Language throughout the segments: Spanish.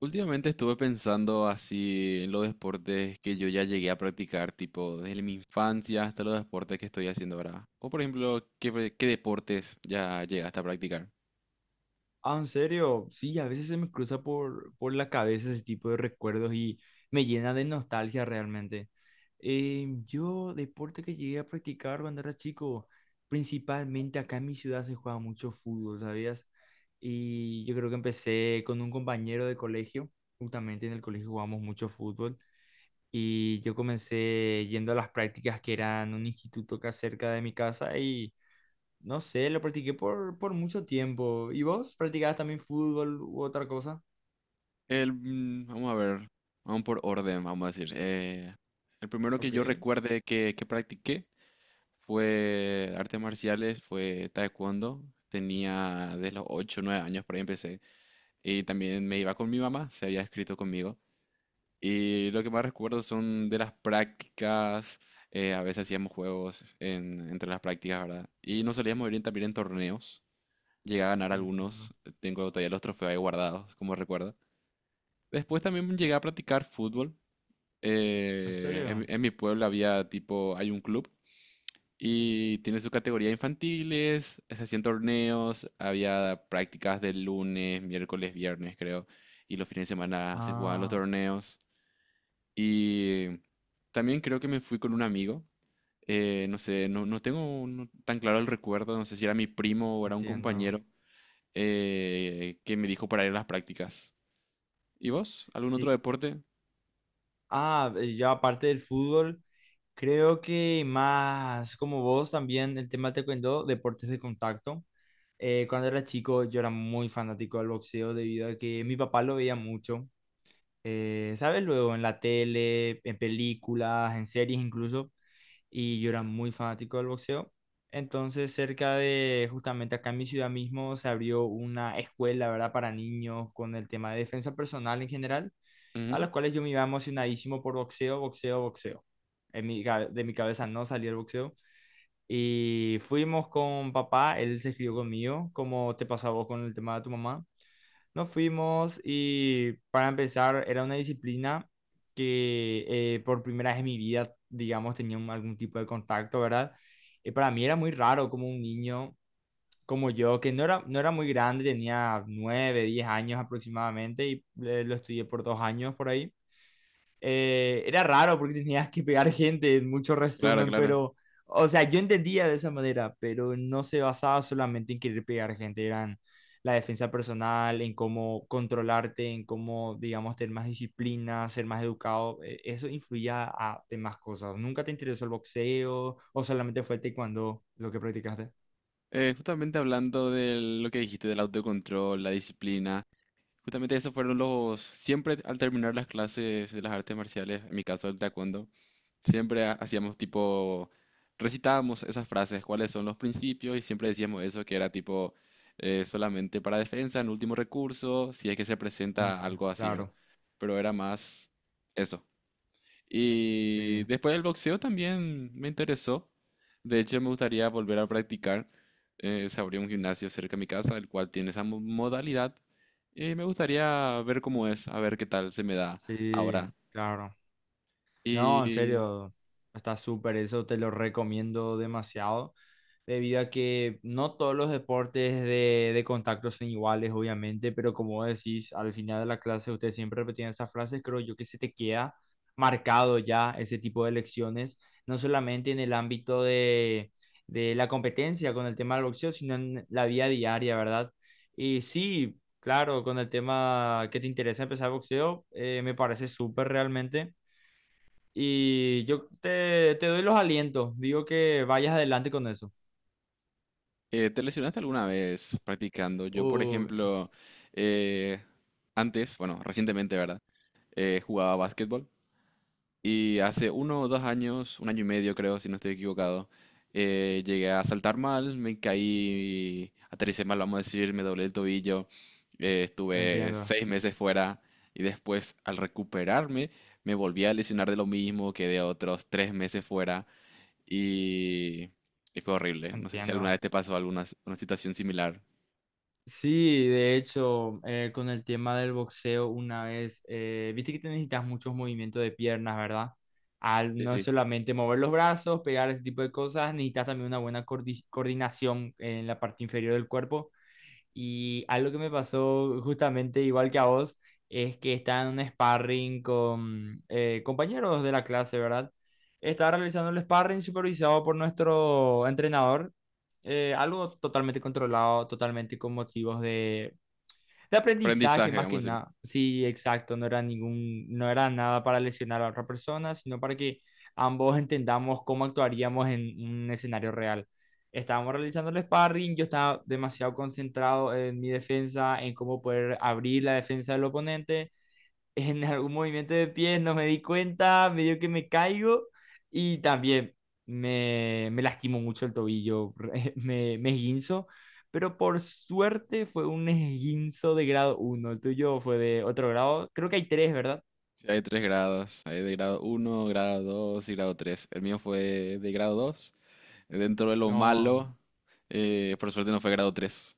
Últimamente estuve pensando así en los deportes que yo ya llegué a practicar, tipo desde mi infancia hasta los deportes que estoy haciendo ahora. O por ejemplo, ¿qué deportes ya llegaste a practicar? Ah, en serio, sí, a veces se me cruza por la cabeza ese tipo de recuerdos y me llena de nostalgia realmente. Yo, deporte que llegué a practicar cuando era chico, principalmente acá en mi ciudad se juega mucho fútbol, ¿sabías? Y yo creo que empecé con un compañero de colegio, justamente en el colegio jugamos mucho fútbol y yo comencé yendo a las prácticas que eran un instituto acá cerca de mi casa y no sé, lo practiqué por mucho tiempo. ¿Y vos practicabas también fútbol u otra cosa? Vamos a ver, vamos por orden, vamos a decir. El primero que Ok, yo recuerde que practiqué fue artes marciales, fue taekwondo. Tenía desde los ocho o 9 años por ahí empecé. Y también me iba con mi mamá, se había escrito conmigo. Y lo que más recuerdo son de las prácticas. A veces hacíamos entre las prácticas, ¿verdad? Y nos solíamos ir también en torneos. Llegué a ganar entiendo. algunos, tengo todavía los trofeos ahí guardados, como recuerdo. Después también llegué a practicar fútbol. ¿En eh, en, mi serio? en mi pueblo hay un club y tiene su categoría infantiles, se hacían torneos, había prácticas de lunes, miércoles, viernes, creo, y los fines de semana se jugaban los Ah, torneos. Y también creo que me fui con un amigo. No sé, no tengo tan claro el recuerdo. No sé si era mi primo o era un entiendo. compañero que me dijo para ir a las prácticas. ¿Y vos? ¿Algún otro Sí. deporte? Ah, yo aparte del fútbol, creo que más como vos también el tema te cuento deportes de contacto. Cuando era chico yo era muy fanático del boxeo debido a que mi papá lo veía mucho. ¿Sabes? Luego en la tele, en películas, en series incluso, y yo era muy fanático del boxeo. Entonces, cerca de, justamente acá en mi ciudad mismo, se abrió una escuela, ¿verdad? Para niños con el tema de defensa personal en general, a Ujú. las cuales yo me iba emocionadísimo por boxeo, boxeo, boxeo. De mi cabeza no salía el boxeo. Y fuimos con papá, él se escribió conmigo, como te pasó a vos con el tema de tu mamá. Nos fuimos y para empezar era una disciplina que por primera vez en mi vida, digamos, tenía algún tipo de contacto, ¿verdad? Y para mí era muy raro como un niño como yo, que no era muy grande, tenía 9, 10 años aproximadamente y lo estudié por 2 años por ahí. Era raro porque tenías que pegar gente en mucho Claro, resumen, claro. pero, o sea, yo entendía de esa manera, pero no se basaba solamente en querer pegar gente, eran la defensa personal, en cómo controlarte, en cómo, digamos, tener más disciplina, ser más educado, eso influía a demás cosas. ¿Nunca te interesó el boxeo o solamente fue el taekwondo lo que practicaste? Justamente hablando de lo que dijiste del autocontrol, la disciplina. Justamente esos fueron los, siempre al terminar las clases de las artes marciales, en mi caso el taekwondo, siempre hacíamos tipo, recitábamos esas frases, cuáles son los principios y siempre decíamos eso, que era tipo solamente para defensa, en último recurso, si es que se Ah, presenta algo así, ¿verdad? claro, Pero era más eso. Y sí, después el boxeo también me interesó. De hecho, me gustaría volver a practicar. Se abrió un gimnasio cerca de mi casa, el cual tiene esa modalidad. Y me gustaría ver cómo es, a ver qué tal se me da sí, ahora. claro. No, en ¿Y serio, está súper, eso te lo recomiendo demasiado, debido a que no todos los deportes de contacto son iguales, obviamente, pero como vos decís, al final de la clase ustedes siempre repetían esas frases, creo yo que se te queda marcado ya ese tipo de lecciones, no solamente en el ámbito de la competencia con el tema del boxeo, sino en la vida diaria, ¿verdad? Y sí, claro, con el tema que te interesa empezar boxeo, me parece súper realmente. Y yo te doy los alientos. Digo que vayas adelante con eso. Te lesionaste alguna vez practicando? Yo, por Uy, ejemplo, eh, antes, bueno, recientemente, ¿verdad? Jugaba básquetbol. Y hace uno o dos años, un año y medio creo, si no estoy equivocado, llegué a saltar mal, me caí, aterricé mal, vamos a decir, me doblé el tobillo. Estuve entiendo, 6 meses fuera y después al recuperarme me volví a lesionar de lo mismo, quedé otros 3 meses fuera y, y fue horrible. No sé si alguna entiendo. vez te pasó una situación similar. Sí, de hecho, con el tema del boxeo, una vez, viste que te necesitas muchos movimientos de piernas, ¿verdad? Al Sí, no sí. solamente mover los brazos, pegar ese tipo de cosas, necesitas también una buena coordinación en la parte inferior del cuerpo. Y algo que me pasó justamente igual que a vos es que estaba en un sparring con compañeros de la clase, ¿verdad? Estaba realizando el sparring supervisado por nuestro entrenador, algo totalmente controlado, totalmente con motivos de aprendizaje Aprendizaje, más que vamos a decir. nada. Sí, exacto, no era nada para lesionar a otra persona, sino para que ambos entendamos cómo actuaríamos en un escenario real. Estábamos realizando el sparring, yo estaba demasiado concentrado en mi defensa, en cómo poder abrir la defensa del oponente en algún movimiento de pies, no me di cuenta, medio que me caigo y también me lastimo mucho el tobillo, me esguinzo, pero por suerte fue un esguinzo de grado 1. El tuyo fue de otro grado, creo que hay 3, ¿verdad? Sí, hay tres grados, hay de grado uno, grado 2 y grado tres. El mío fue de grado 2 dentro de lo No, malo. Por suerte no fue grado tres.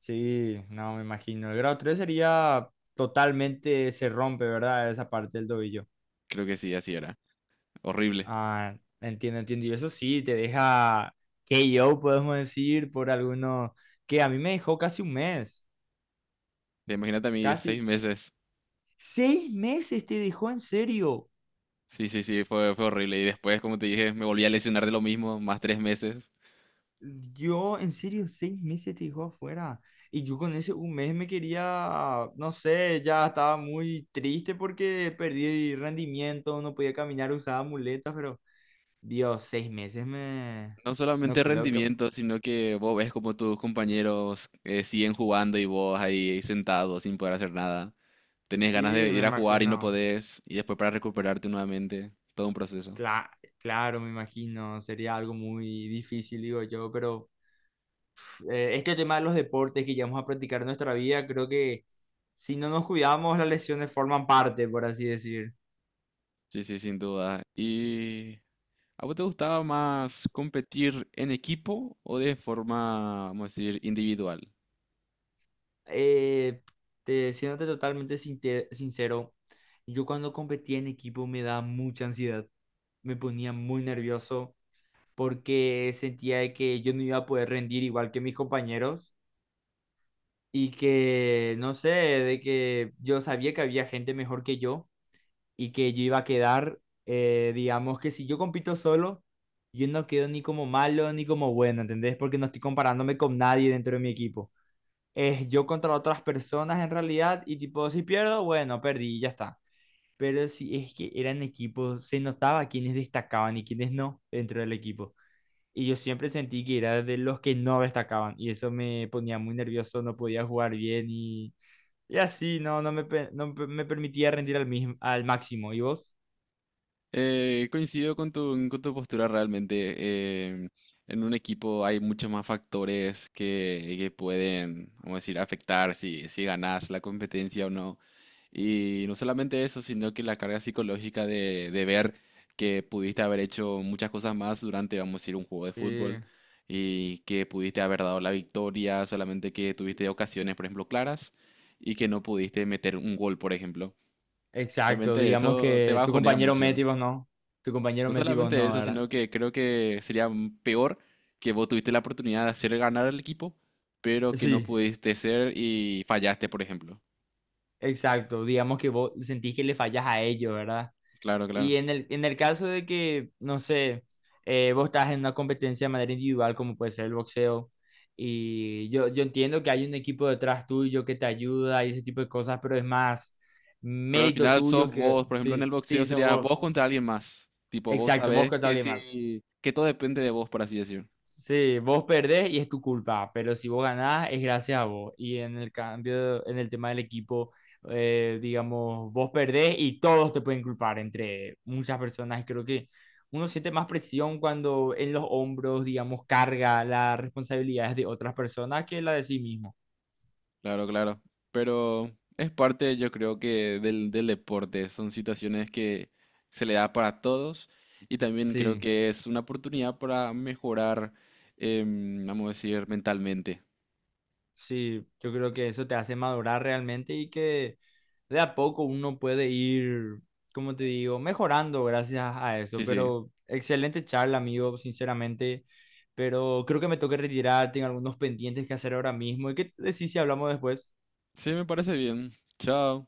sí, no me imagino, el grado 3 sería totalmente, se rompe, ¿verdad? Esa parte del tobillo. Creo que sí, así era. Horrible. Ah, entiendo, entiendo. Y eso sí, te deja KO, podemos decir, por algunos, que a mí me dejó casi un mes, Te imagínate a mí, seis casi meses. 6 meses te dejó en serio. Sí, sí, sí, fue horrible. Y después, como te dije, me volví a lesionar de lo mismo, más 3 meses. Yo, en serio, 6 meses te dejó afuera. Y yo con ese un mes me quería, no sé, ya estaba muy triste porque perdí rendimiento, no podía caminar, usaba muletas, pero Dios, 6 meses me... No solamente No creo que... rendimiento, sino que vos ves como tus compañeros siguen jugando y vos ahí sentado sin poder hacer nada. Tenés ganas Sí, de me ir a jugar y no imagino. podés. Y después para recuperarte nuevamente. Todo un proceso. Cla- claro, me imagino, sería algo muy difícil, digo yo, pero pf, este tema de los deportes que llevamos a practicar en nuestra vida, creo que si no nos cuidamos, las lesiones forman parte, por así decir. Sí, sí, sin duda. Y ¿a vos te gustaba más competir en equipo o de forma, vamos a decir, individual? Eh, siéndote totalmente sincero, yo cuando competía en equipo me daba mucha ansiedad, me ponía muy nervioso porque sentía de que yo no iba a poder rendir igual que mis compañeros y que, no sé, de que yo sabía que había gente mejor que yo y que yo iba a quedar, digamos que si yo compito solo, yo no quedo ni como malo ni como bueno, ¿entendés? Porque no estoy comparándome con nadie dentro de mi equipo. Es yo contra otras personas en realidad y tipo, si pierdo, bueno, perdí y ya está. Pero si es que eran equipos, se notaba quiénes destacaban y quiénes no dentro del equipo. Y yo siempre sentí que era de los que no destacaban y eso me ponía muy nervioso, no podía jugar bien y así, no me permitía rendir al máximo. ¿Y vos? Coincido con con tu postura realmente. En un equipo hay muchos más factores que pueden, vamos a decir, afectar si ganas la competencia o no. Y no solamente eso, sino que la carga psicológica de ver que pudiste haber hecho muchas cosas más durante, vamos a decir, un juego de Sí, fútbol y que pudiste haber dado la victoria, solamente que tuviste ocasiones, por ejemplo, claras y que no pudiste meter un gol, por ejemplo. exacto. Obviamente Digamos eso te que tu bajonea compañero Meti mucho. vos no. Tu compañero No Meti vos solamente no, eso, ¿verdad? sino que creo que sería peor que vos tuviste la oportunidad de hacer ganar al equipo, pero que no Sí, pudiste ser y fallaste, por ejemplo. exacto. Digamos que vos sentís que le fallas a ellos, ¿verdad? Claro, Y claro. en el caso de que, no sé, vos estás en una competencia de manera individual, como puede ser el boxeo, y yo entiendo que hay un equipo detrás tuyo que te ayuda y ese tipo de cosas, pero es más Pero al mérito final tuyo sos que... vos, por ejemplo, en Sí, el boxeo sí, sos sería vos vos. contra alguien más. Tipo, vos Exacto, vos sabés que tal. que si, que todo depende de vos, por así decir. Sí, vos perdés y es tu culpa, pero si vos ganás es gracias a vos. Y en el cambio, en el tema del equipo, digamos, vos perdés y todos te pueden culpar entre muchas personas. Y creo que uno siente más presión cuando en los hombros, digamos, carga las responsabilidades de otras personas que la de sí mismo. Claro, claro. Pero es parte, yo creo que del deporte. Son situaciones que se le da para todos. Y también creo Sí. que es una oportunidad para mejorar, vamos a decir, mentalmente. Sí, yo creo que eso te hace madurar realmente y que de a poco uno puede ir, como te digo, mejorando gracias a eso. Sí, sí. Pero excelente charla, amigo, sinceramente. Pero creo que me toca retirar, tengo algunos pendientes que hacer ahora mismo. ¿Y qué te decís si hablamos después? Sí, me parece bien. Chao.